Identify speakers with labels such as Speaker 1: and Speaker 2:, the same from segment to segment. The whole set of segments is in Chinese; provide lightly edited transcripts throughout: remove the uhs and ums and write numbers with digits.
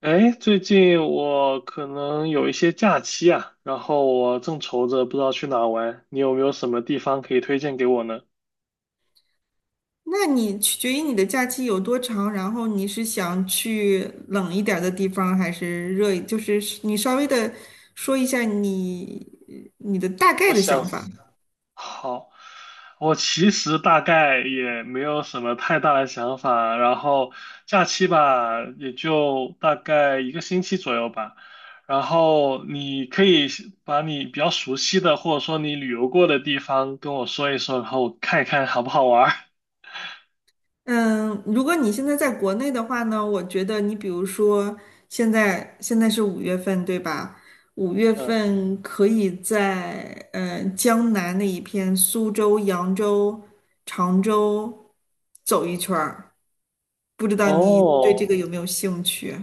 Speaker 1: 哎，最近我可能有一些假期啊，然后我正愁着不知道去哪玩，你有没有什么地方可以推荐给我呢？
Speaker 2: 那你取决于你的假期有多长，然后你是想去冷一点儿的地方，还是热一就是你稍微的说一下你的大概
Speaker 1: 我
Speaker 2: 的想
Speaker 1: 想，
Speaker 2: 法。
Speaker 1: 好，我其实大概也没有什么太大的想法，然后假期吧，也就大概一个星期左右吧。然后你可以把你比较熟悉的，或者说你旅游过的地方跟我说一说，然后我看一看好不好玩儿。
Speaker 2: 嗯，如果你现在在国内的话呢，我觉得你比如说现在是五月份，对吧？五月
Speaker 1: 嗯，
Speaker 2: 份可以在江南那一片，苏州、扬州、常州走一圈儿，不知道你对这个
Speaker 1: 哦。
Speaker 2: 有没有兴趣？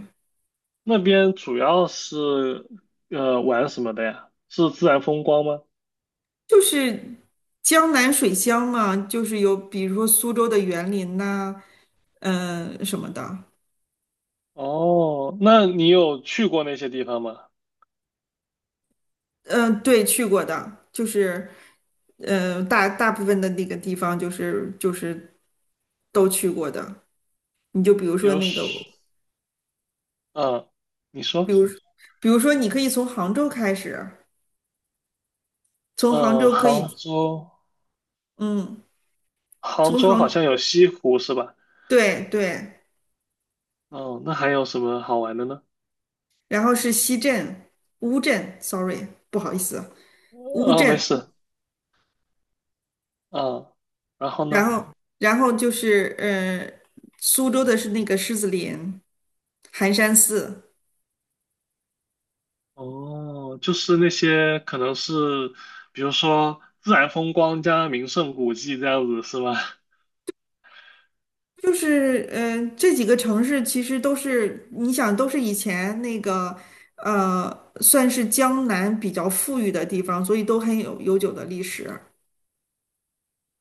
Speaker 1: 那边主要是玩什么的呀？是自然风光吗？
Speaker 2: 就是江南水乡嘛，就是有比如说苏州的园林呐、什么的。
Speaker 1: 哦，那你有去过那些地方吗？
Speaker 2: 对，去过的，就是大大部分的那个地方就是都去过的。你就比如
Speaker 1: 比
Speaker 2: 说
Speaker 1: 如说，
Speaker 2: 那个，
Speaker 1: 嗯，你
Speaker 2: 比
Speaker 1: 说，
Speaker 2: 如比如说你可以从杭州开始，从杭
Speaker 1: 嗯，
Speaker 2: 州可以，
Speaker 1: 杭州，
Speaker 2: 嗯，
Speaker 1: 杭
Speaker 2: 从
Speaker 1: 州好
Speaker 2: 杭，
Speaker 1: 像有西湖是吧？
Speaker 2: 对对，
Speaker 1: 哦，那还有什么好玩的呢？
Speaker 2: 然后是西镇、乌镇，sorry,不好意思，乌
Speaker 1: 啊，没
Speaker 2: 镇。
Speaker 1: 事，啊，然后
Speaker 2: 然
Speaker 1: 呢？
Speaker 2: 后，然后就是，苏州的是那个狮子林、寒山寺。
Speaker 1: 哦，就是那些可能是，比如说自然风光加名胜古迹这样子是吧？
Speaker 2: 就是，这几个城市其实都是你想都是以前那个，算是江南比较富裕的地方，所以都很有悠久的历史。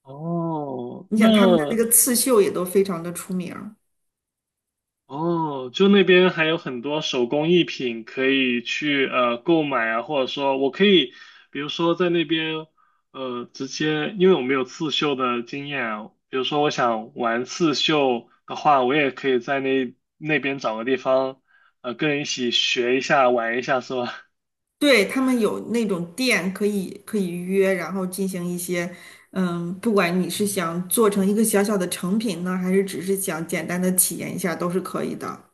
Speaker 1: 哦，
Speaker 2: 你想他们的那
Speaker 1: 那
Speaker 2: 个刺绣也都非常的出名儿。
Speaker 1: 哦，就那边还有很多手工艺品可以去购买啊，或者说我可以，比如说在那边直接，因为我没有刺绣的经验啊，比如说我想玩刺绣的话，我也可以在那边找个地方，呃，跟人一起学一下，玩一下，是吧？
Speaker 2: 对，他们有那种店可以约，然后进行一些，嗯，不管你是想做成一个小小的成品呢，还是只是想简单的体验一下，都是可以的。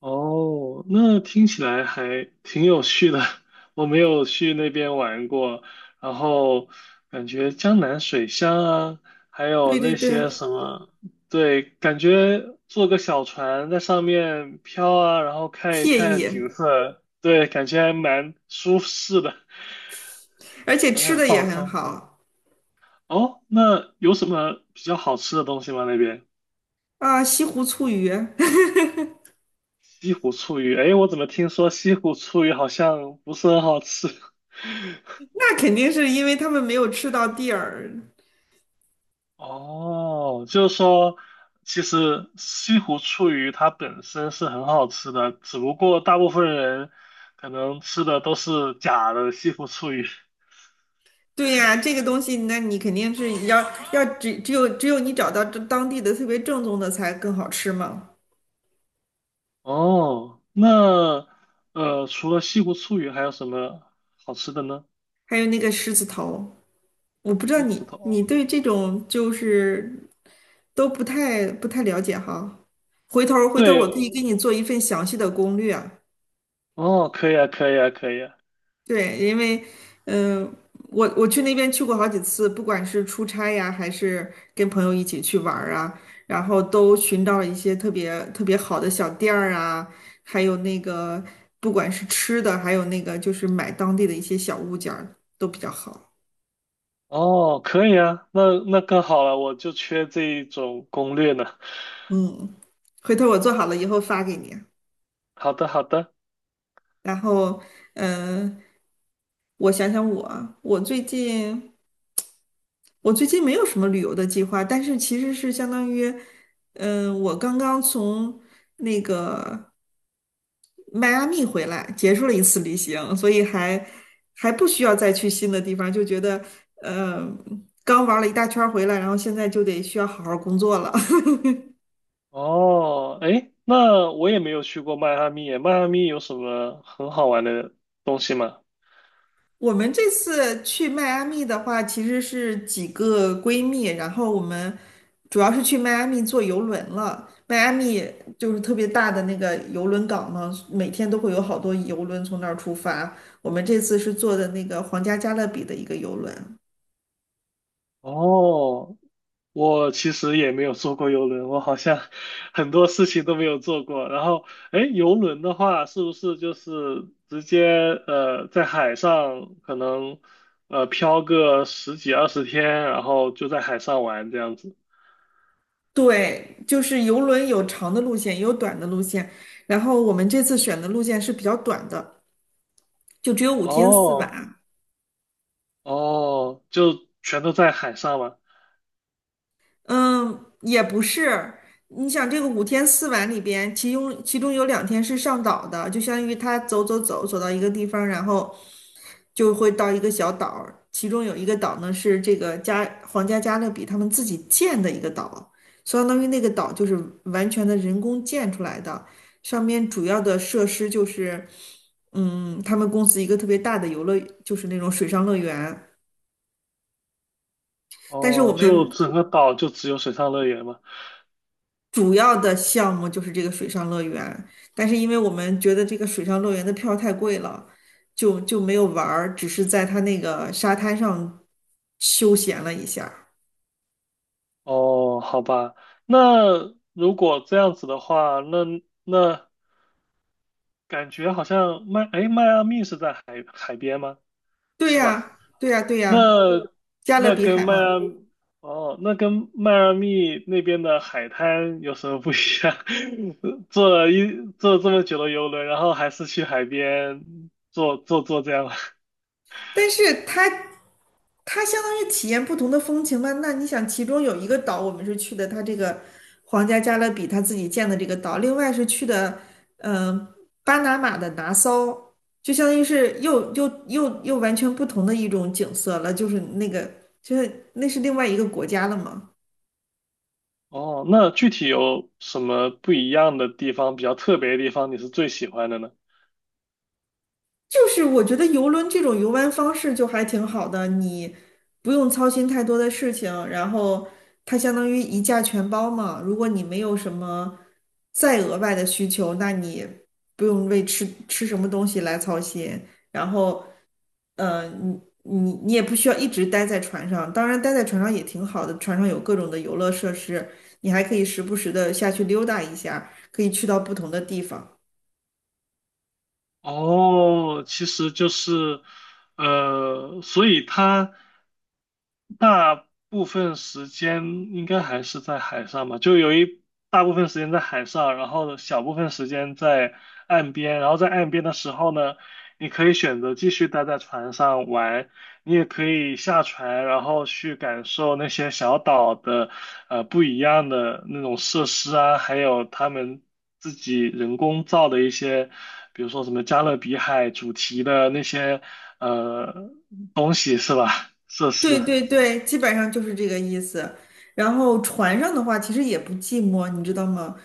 Speaker 1: 哦，那听起来还挺有趣的。我没有去那边玩过，然后感觉江南水乡啊，还有
Speaker 2: 对对
Speaker 1: 那
Speaker 2: 对，
Speaker 1: 些什么，对，感觉坐个小船在上面飘啊，然后看一
Speaker 2: 惬
Speaker 1: 看
Speaker 2: 意，
Speaker 1: 景色，对，感觉还蛮舒适的，
Speaker 2: 而且
Speaker 1: 感觉
Speaker 2: 吃
Speaker 1: 很
Speaker 2: 的也
Speaker 1: 放
Speaker 2: 很
Speaker 1: 松。
Speaker 2: 好
Speaker 1: 哦，那有什么比较好吃的东西吗？那边
Speaker 2: 啊，西湖醋鱼。
Speaker 1: 西湖醋鱼，哎，我怎么听说西湖醋鱼好像不是很好吃？
Speaker 2: 那肯定是因为他们没有吃到地儿。
Speaker 1: 哦，就是说，其实西湖醋鱼它本身是很好吃的，只不过大部分人可能吃的都是假的西湖醋鱼。
Speaker 2: 对呀，这个东西，那你肯定是要只有你找到这当地的特别正宗的才更好吃嘛。
Speaker 1: 哦，那呃，除了西湖醋鱼，还有什么好吃的呢？
Speaker 2: 还有那个狮子头。我不知道
Speaker 1: 狮
Speaker 2: 你
Speaker 1: 子
Speaker 2: 你
Speaker 1: 头。
Speaker 2: 对这种就是都不太了解哈。回头儿
Speaker 1: 对，
Speaker 2: 我可以给你做一份详细的攻略啊。
Speaker 1: 哦，可以啊，可以啊，可以啊。
Speaker 2: 对，因为嗯、呃我去那边去过好几次，不管是出差呀，还是跟朋友一起去玩儿啊，然后都寻到了一些特别特别好的小店儿啊，还有那个不管是吃的，还有那个就是买当地的一些小物件儿都比较好。
Speaker 1: 哦，可以啊，那那更好了，我就缺这一种攻略呢。
Speaker 2: 嗯，回头我做好了以后发给你啊。
Speaker 1: 好的，好的。
Speaker 2: 然后，嗯，我想想我啊我最近没有什么旅游的计划，但是其实是相当于，嗯、我刚刚从那个迈阿密回来，结束了一次旅行，所以还还不需要再去新的地方，就觉得，嗯，刚玩了一大圈儿回来，然后现在就得需要好好工作了。
Speaker 1: 哦，哎，那我也没有去过迈阿密耶迈阿密有什么很好玩的东西吗？
Speaker 2: 我们这次去迈阿密的话，其实是几个闺蜜，然后我们主要是去迈阿密坐游轮了。迈阿密就是特别大的那个游轮港嘛，每天都会有好多游轮从那儿出发。我们这次是坐的那个皇家加勒比的一个游轮。
Speaker 1: 哦，我其实也没有坐过游轮，我好像 很多事情都没有做过。然后，哎，游轮的话，是不是就是直接在海上可能漂个十几二十天，然后就在海上玩这样子？
Speaker 2: 对，就是游轮有长的路线，也有短的路线。然后我们这次选的路线是比较短的，就只有五天四
Speaker 1: 哦
Speaker 2: 晚。
Speaker 1: 哦，就全都在海上嘛？
Speaker 2: 嗯，也不是。你想这个五天四晚里边，其中有2天是上岛的，就相当于他走到一个地方，然后就会到一个小岛儿，其中有一个岛呢是这个皇家加勒比他们自己建的一个岛，相当于那个岛就是完全的人工建出来的，上面主要的设施就是，嗯，他们公司一个特别大的游乐，就是那种水上乐园。但是我
Speaker 1: 哦，
Speaker 2: 们
Speaker 1: 就整个岛就只有水上乐园吗？
Speaker 2: 主要的项目就是这个水上乐园，但是因为我们觉得这个水上乐园的票太贵了。就就没有玩儿，只是在它那个沙滩上休闲了一下。
Speaker 1: 哦，好吧，那如果这样子的话，那那感觉好像迈，哎，迈阿密是在海海边吗？
Speaker 2: 对
Speaker 1: 是吧？
Speaker 2: 呀，对呀，对
Speaker 1: 那
Speaker 2: 呀，加勒
Speaker 1: 那
Speaker 2: 比
Speaker 1: 跟
Speaker 2: 海
Speaker 1: 迈
Speaker 2: 嘛。
Speaker 1: 阿，哦，那跟迈阿密那边的海滩有什么不一样？坐了一坐这么久的游轮，然后还是去海边坐坐这样。
Speaker 2: 但是它相当于体验不同的风情嘛。那你想，其中有一个岛我们是去的，它这个皇家加勒比他自己建的这个岛，另外是去的嗯、呃巴拿马的拿骚，就相当于是又完全不同的一种景色了，就是那个就是那是另外一个国家了嘛。
Speaker 1: 哦，那具体有什么不一样的地方，比较特别的地方，你是最喜欢的呢？
Speaker 2: 就是我觉得游轮这种游玩方式就还挺好的，你不用操心太多的事情，然后它相当于一价全包嘛。如果你没有什么再额外的需求，那你不用为吃什么东西来操心。然后，你也不需要一直待在船上，当然待在船上也挺好的，船上有各种的游乐设施，你还可以时不时的下去溜达一下，可以去到不同的地方。
Speaker 1: 哦，其实就是，呃，所以他。大部分时间应该还是在海上吧，就有一大部分时间在海上，然后小部分时间在岸边，然后在岸边的时候呢，你可以选择继续待在船上玩，你也可以下船，然后去感受那些小岛的不一样的那种设施啊，还有他们自己人工造的一些，比如说什么加勒比海主题的那些呃东西是吧？设
Speaker 2: 对
Speaker 1: 施。
Speaker 2: 对对，基本上就是这个意思。然后船上的话，其实也不寂寞，你知道吗？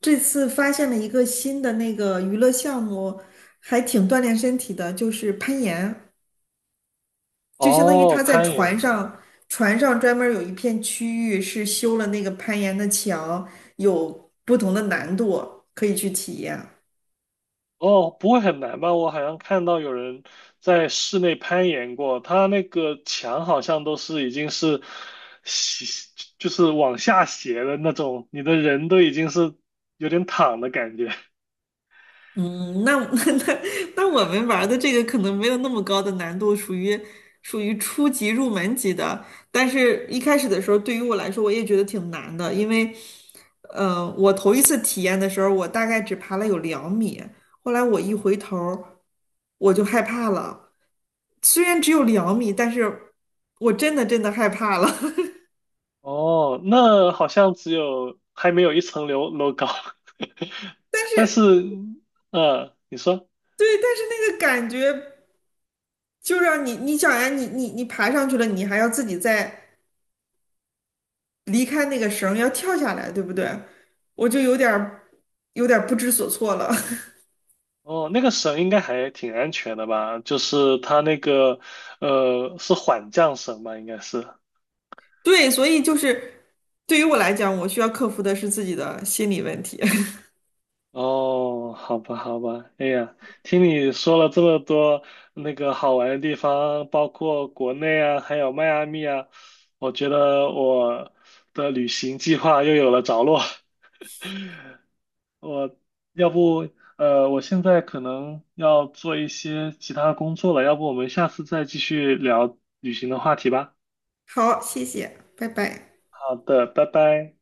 Speaker 2: 这次发现了一个新的那个娱乐项目，还挺锻炼身体的，就是攀岩。就相当于
Speaker 1: 哦，
Speaker 2: 他在
Speaker 1: 攀
Speaker 2: 船
Speaker 1: 岩，
Speaker 2: 上，船上专门有一片区域是修了那个攀岩的墙，有不同的难度可以去体验。
Speaker 1: 哦，不会很难吧？我好像看到有人在室内攀岩过，他那个墙好像都是已经是斜，就是往下斜的那种，你的人都已经是有点躺的感觉。
Speaker 2: 嗯，那 那那我们玩儿的这个可能没有那么高的难度，属于初级入门级的。但是一开始的时候，对于我来说，我也觉得挺难的，因为，我头一次体验的时候，我大概只爬了有两米，后来我一回头儿我就害怕了。虽然只有两米，但是我真的害怕了。
Speaker 1: 哦，那好像只有还没有一层楼楼高，
Speaker 2: 但
Speaker 1: 但是，
Speaker 2: 是
Speaker 1: 呃，你说。
Speaker 2: 对，但是那个感觉就让你，你想呀，你爬上去了，你还要自己再离开那个绳儿要跳下来，对不对？我就有点儿不知所措了。
Speaker 1: 哦，那个绳应该还挺安全的吧？就是它那个，呃，是缓降绳吧？应该是。
Speaker 2: 对，所以就是对于我来讲，我需要克服的是自己的心理问题。
Speaker 1: 哦，好吧，好吧，哎呀，听你说了这么多那个好玩的地方，包括国内啊，还有迈阿密啊，我觉得我的旅行计划又有了着落。我要不，呃，我现在可能要做一些其他的工作了，要不我们下次再继续聊旅行的话题吧。
Speaker 2: 好，谢谢，拜拜。
Speaker 1: 好的，拜拜。